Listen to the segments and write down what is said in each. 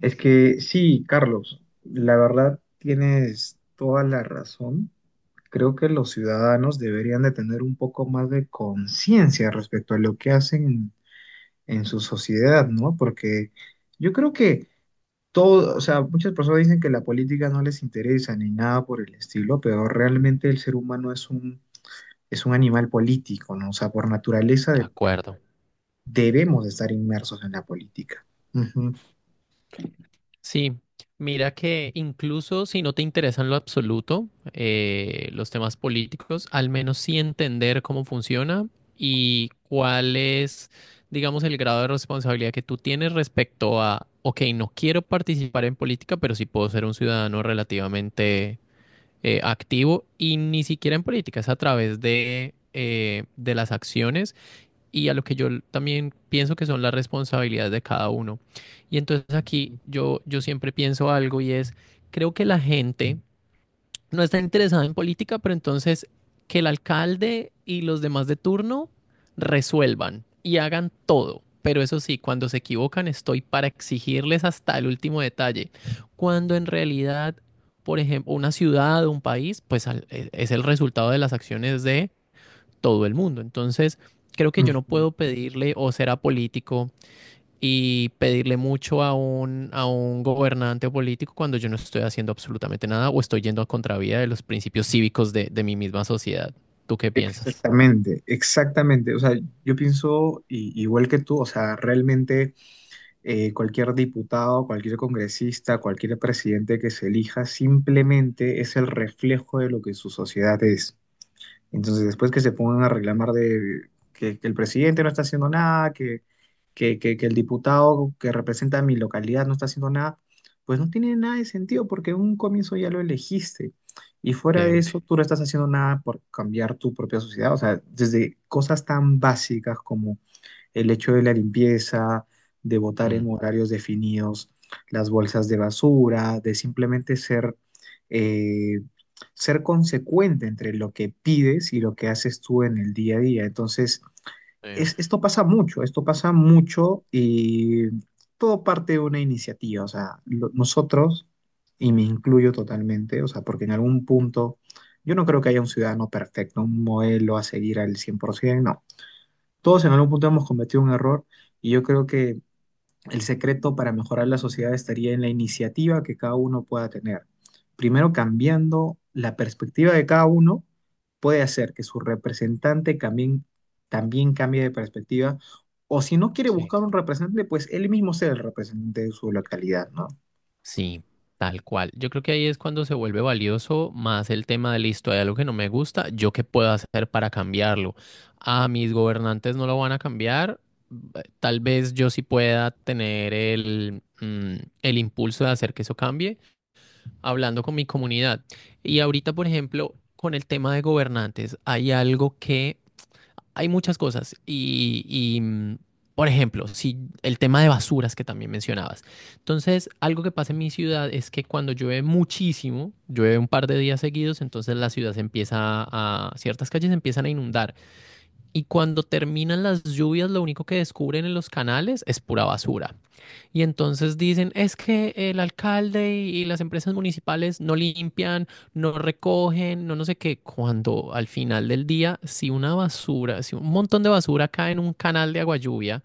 Es que sí, Carlos, la verdad tienes toda la razón. Creo que los ciudadanos deberían de tener un poco más de conciencia respecto a lo que hacen en su sociedad, ¿no? Porque yo creo que todo, o sea, muchas personas dicen que la política no les interesa ni nada por el estilo, pero realmente el ser humano es un animal político, ¿no? O sea, por naturaleza De acuerdo. debemos de estar inmersos en la política. Ujú. Sí, mira que incluso si no te interesa en lo absoluto los temas políticos, al menos sí entender cómo funciona y cuál es, digamos, el grado de responsabilidad que tú tienes respecto a, ok, no quiero participar en política, pero sí puedo ser un ciudadano relativamente activo y ni siquiera en política, es a través de las acciones y a lo que yo también pienso que son las responsabilidades de cada uno. Y entonces aquí yo siempre pienso algo y es, creo que la gente no está interesada en política, pero entonces que el alcalde y los demás de turno resuelvan y hagan todo. Pero eso sí, cuando se equivocan estoy para exigirles hasta el último detalle. Cuando en realidad, por ejemplo, una ciudad o un país, pues es el resultado de las acciones de todo el mundo. Entonces, creo que yo no Ujú. puedo pedirle o ser apolítico y pedirle mucho a un gobernante o político cuando yo no estoy haciendo absolutamente nada o estoy yendo a contravía de los principios cívicos de mi misma sociedad. ¿Tú qué piensas? Exactamente, exactamente. O sea, yo pienso igual que tú, o sea, realmente cualquier diputado, cualquier congresista, cualquier presidente que se elija, simplemente es el reflejo de lo que su sociedad es. Entonces, después que se pongan a reclamar de que el presidente no está haciendo nada, que el diputado que representa mi localidad no está haciendo nada, pues no tiene nada de sentido porque en un comienzo ya lo elegiste. Y fuera de Sí. eso, tú no estás haciendo nada por cambiar tu propia sociedad. O sea, desde cosas tan básicas como el hecho de la limpieza, de votar en Mm. horarios definidos, las bolsas de basura, de simplemente ser, eh, ser consecuente entre lo que pides y lo que haces tú en el día a día. Entonces, Sí. Esto pasa mucho y todo parte de una iniciativa. O sea, nosotros, y me incluyo totalmente, o sea, porque en algún punto yo no creo que haya un ciudadano perfecto, un modelo a seguir al 100%, no. Todos en algún punto hemos cometido un error y yo creo que el secreto para mejorar la sociedad estaría en la iniciativa que cada uno pueda tener. Primero, cambiando la perspectiva de cada uno, puede hacer que su representante también cambie de perspectiva o si no quiere Sí. buscar un representante, pues él mismo sea el representante de su localidad, ¿no? Sí, tal cual. Yo creo que ahí es cuando se vuelve valioso más el tema de listo, hay algo que no me gusta, ¿yo qué puedo hacer para cambiarlo? A mis gobernantes no lo van a cambiar. Tal vez yo sí pueda tener el, el impulso de hacer que eso cambie hablando con mi comunidad. Y ahorita, por ejemplo, con el tema de gobernantes, hay algo que hay muchas cosas y por ejemplo, si el tema de basuras que también mencionabas. Entonces, algo que pasa en mi ciudad es que cuando llueve muchísimo, llueve un par de días seguidos, entonces la ciudad se empieza a, ciertas calles se empiezan a inundar. Y cuando terminan las lluvias, lo único que descubren en los canales es pura basura. Y entonces dicen, es que el alcalde y las empresas municipales no limpian, no recogen, no sé qué, cuando al final del día, si un montón de basura cae en un canal de agua lluvia,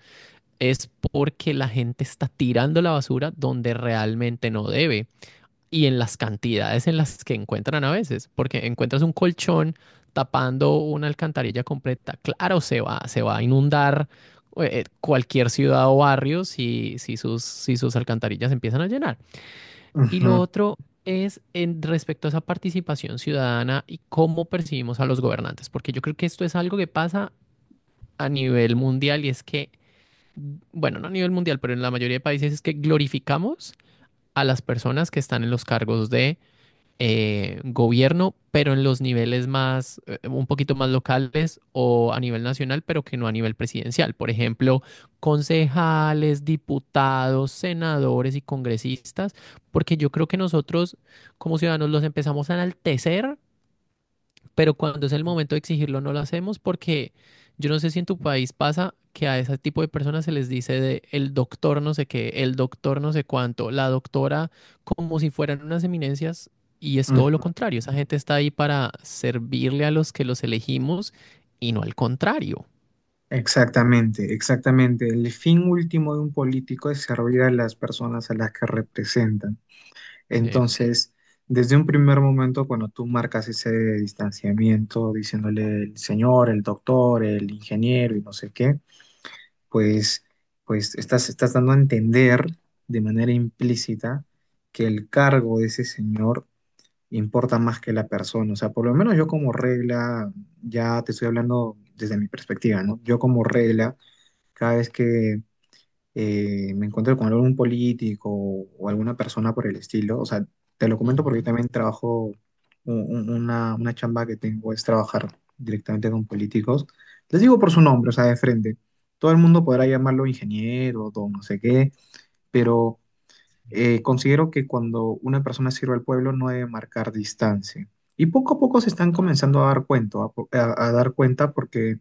es porque la gente está tirando la basura donde realmente no debe y en las cantidades en las que encuentran a veces, porque encuentras un colchón tapando una alcantarilla completa. Claro, se va a inundar cualquier ciudad o barrio si si sus alcantarillas empiezan a llenar. Y Ujú, lo otro es en respecto a esa participación ciudadana y cómo percibimos a los gobernantes, porque yo creo que esto es algo que pasa a nivel mundial y es que, bueno, no a nivel mundial, pero en la mayoría de países es que glorificamos a las personas que están en los cargos de gobierno, pero en los niveles más, un poquito más locales o a nivel nacional, pero que no a nivel presidencial. Por ejemplo, concejales, diputados, senadores y congresistas, porque yo creo que nosotros como ciudadanos los empezamos a enaltecer pero cuando es el momento de exigirlo no lo hacemos porque yo no sé si en tu país pasa que a ese tipo de personas se les dice de el doctor no sé qué, el doctor no sé cuánto, la doctora, como si fueran unas eminencias y es todo lo ujú. contrario. Esa gente está ahí para servirle a los que los elegimos y no al contrario. Exactamente, exactamente. El fin último de un político es servir a las personas a las que representa. Sí. Entonces, desde un primer momento, cuando tú marcas ese distanciamiento, diciéndole el señor, el doctor, el ingeniero y no sé qué, pues, pues estás dando a entender de manera implícita que el cargo de ese señor importa más que la persona. O sea, por lo menos yo como regla, ya te estoy hablando desde mi perspectiva, ¿no? Yo como regla, cada vez que me encuentro con algún político o alguna persona por el estilo, o sea, te lo comento porque yo Ujú. también trabajo, una chamba que tengo es trabajar directamente con políticos. Les digo por su nombre, o sea, de frente. Todo el mundo podrá llamarlo ingeniero, don no sé qué, pero Sí, considero que cuando una persona sirve al pueblo no debe marcar distancia. Y poco a poco se total. están comenzando a dar cuenta, a, po- a dar cuenta porque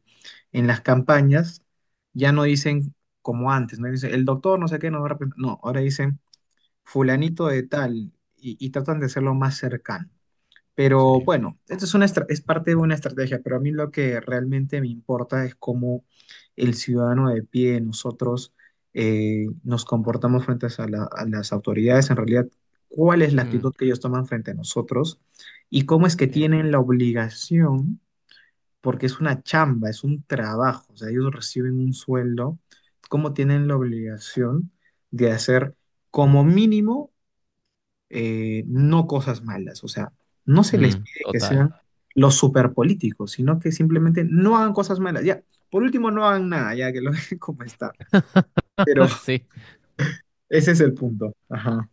en las campañas ya no dicen como antes, no dicen el doctor no sé qué nos va a representar", no, ahora dicen fulanito de tal y tratan de hacerlo más cercano. Pero Sí. bueno, esto es una es parte de una estrategia, pero a mí lo que realmente me importa es cómo el ciudadano de pie, nosotros nos comportamos frente a, a las autoridades, en realidad, cuál es la Mm, actitud que ellos toman frente a nosotros y cómo es que sí. tienen la obligación porque es una chamba, es un trabajo, o sea, ellos reciben un sueldo, como tienen la obligación de hacer como mínimo no cosas malas, o sea, no se les Mm, pide que total. sean los superpolíticos, sino que simplemente no hagan cosas malas, ya, por último no hagan nada, ya que lo dejen como está, pero Sí. ese es el punto, ajá.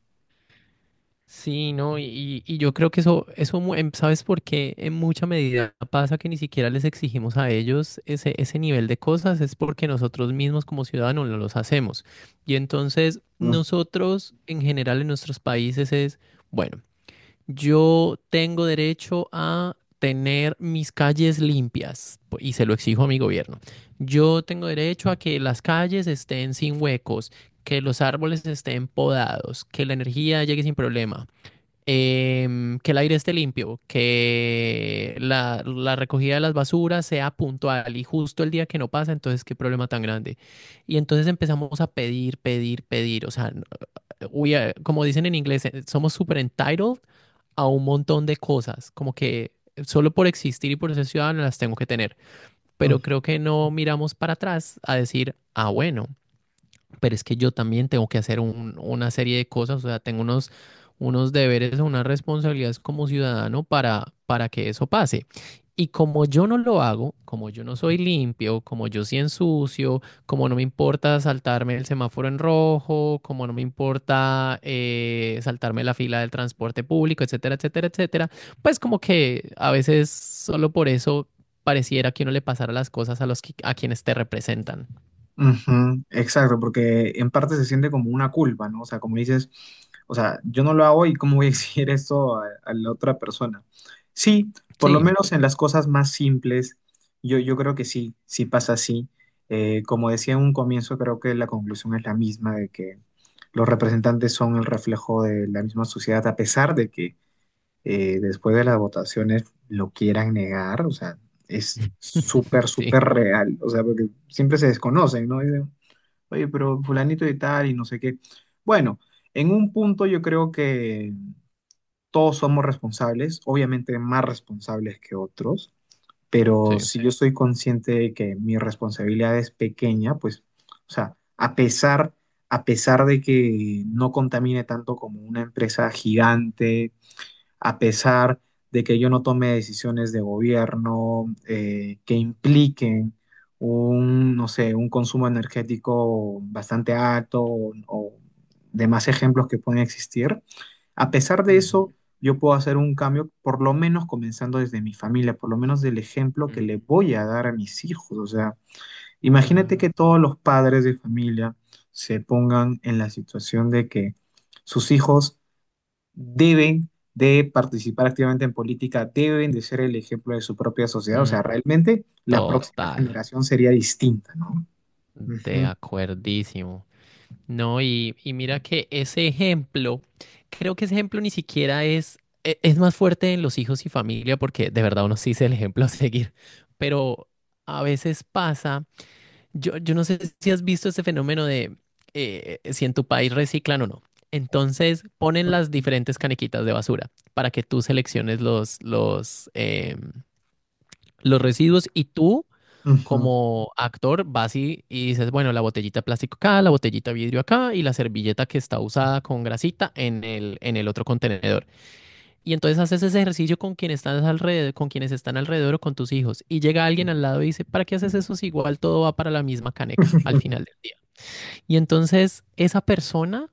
Sí, no, y yo creo que eso, ¿sabes por qué? En mucha medida pasa que ni siquiera les exigimos a ellos ese nivel de cosas, es porque nosotros mismos como ciudadanos no los hacemos. Y entonces nosotros en general en nuestros países es, bueno, yo tengo derecho a tener mis calles limpias y se lo exijo a mi gobierno. Yo tengo derecho a que las calles estén sin huecos, que los árboles estén podados, que la energía llegue sin problema que el aire esté limpio, que la recogida de las basuras sea puntual y justo el día que no pasa, entonces qué problema tan grande. Y entonces empezamos a pedir, pedir, pedir, o sea, como dicen en inglés, somos super entitled a un montón de cosas, como que solo por existir y por ser ciudadano las tengo que tener, pero creo que no miramos para atrás a decir, ah, bueno pero es que yo también tengo que hacer una serie de cosas, o sea, tengo unos, unos deberes o unas responsabilidades como ciudadano para que eso pase. Y como yo no lo hago, como yo no soy limpio, como yo sí ensucio, como no me importa saltarme el semáforo en rojo, como no me importa saltarme la fila del transporte público, etcétera, etcétera, etcétera, pues como que a veces solo por eso pareciera que uno le pasara las cosas a los a quienes te representan. Ujú, exacto, porque en parte se siente como una culpa, ¿no? O sea, como dices, o sea, yo no lo hago y cómo voy a exigir esto a la otra persona. Sí, por lo Sí, menos en las cosas más simples, yo creo que sí, sí pasa así. Como decía en un comienzo, creo que la conclusión es la misma, de que los representantes son el reflejo de la misma sociedad, a pesar de que después de las votaciones lo quieran negar, o sea, es súper, súper sí. real, o sea, porque siempre se desconocen, ¿no? Dicen, oye, pero fulanito y tal y no sé qué. Bueno, en un punto yo creo que todos somos responsables, obviamente más responsables que otros, Sí. pero si yo estoy consciente de que mi responsabilidad es pequeña, pues, o sea, a pesar... A pesar de que no contamine tanto como una empresa gigante, a pesar de que yo no tome decisiones de gobierno que impliquen un, no sé, un consumo energético bastante alto o demás ejemplos que pueden existir. A pesar de eso, Ujú, yo puedo hacer un cambio, por lo menos comenzando desde mi familia, por lo menos del ejemplo que mm, le voy a dar a mis hijos. O sea, imagínate que claro. todos los padres de familia se pongan en la situación de que sus hijos deben de participar activamente en política, deben de ser el ejemplo de su propia sociedad. O sea, Mm, realmente la próxima total. generación sería distinta, ¿no? De Ujú, acuerdísimo. No, y mira que ese ejemplo, creo que ese ejemplo ni siquiera es, es más fuerte en los hijos y familia, porque de verdad uno sí es el ejemplo a seguir. Pero a veces pasa, yo no sé si has visto ese fenómeno de si en tu país reciclan o no. Entonces ponen las diferentes canequitas de basura para que tú selecciones los residuos y tú ujú. como actor vas y dices, bueno, la botellita de plástico acá, la botellita de vidrio acá y la servilleta que está usada con grasita en el otro contenedor. Y entonces haces ese ejercicio con quien estás alrededor, con quienes están alrededor o con tus hijos. Y llega alguien al lado y dice, ¿para qué haces eso si igual todo va para la misma caneca al final del día? Y entonces esa persona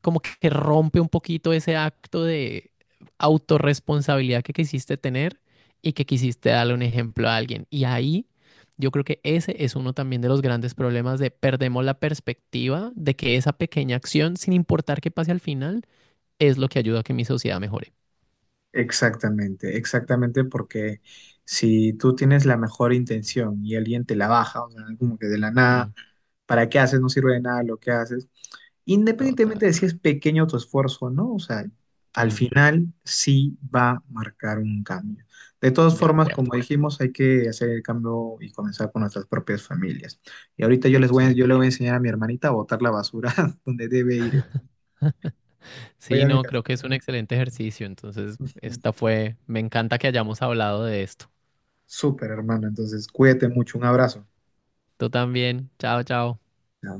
como que rompe un poquito ese acto de autorresponsabilidad que quisiste tener y que quisiste darle un ejemplo a alguien. Y ahí yo creo que ese es uno también de los grandes problemas de perdemos la perspectiva de que esa pequeña acción, sin importar qué pase al final, es lo que ayuda a que mi sociedad mejore. Exactamente, exactamente, porque si tú tienes la mejor intención y alguien te la baja, o sea, como que de la nada, Mm, ¿para qué haces? No sirve de nada lo que haces. total. Independientemente de si es pequeño tu esfuerzo o no, o sea, al Mm, final sí va a marcar un cambio. De todas de formas, como acuerdo. dijimos, hay que hacer el cambio y comenzar con nuestras propias familias. Y ahorita Sí. yo le voy a enseñar a mi hermanita a botar la basura donde debe ir. Oye, Sí, no, amigas. creo que es un excelente ejercicio. Entonces, Ujú. esta fue, me encanta que hayamos hablado de esto. Súper, hermano. Entonces, cuídate mucho. Un abrazo. Tú también. Chao, chao. Ya.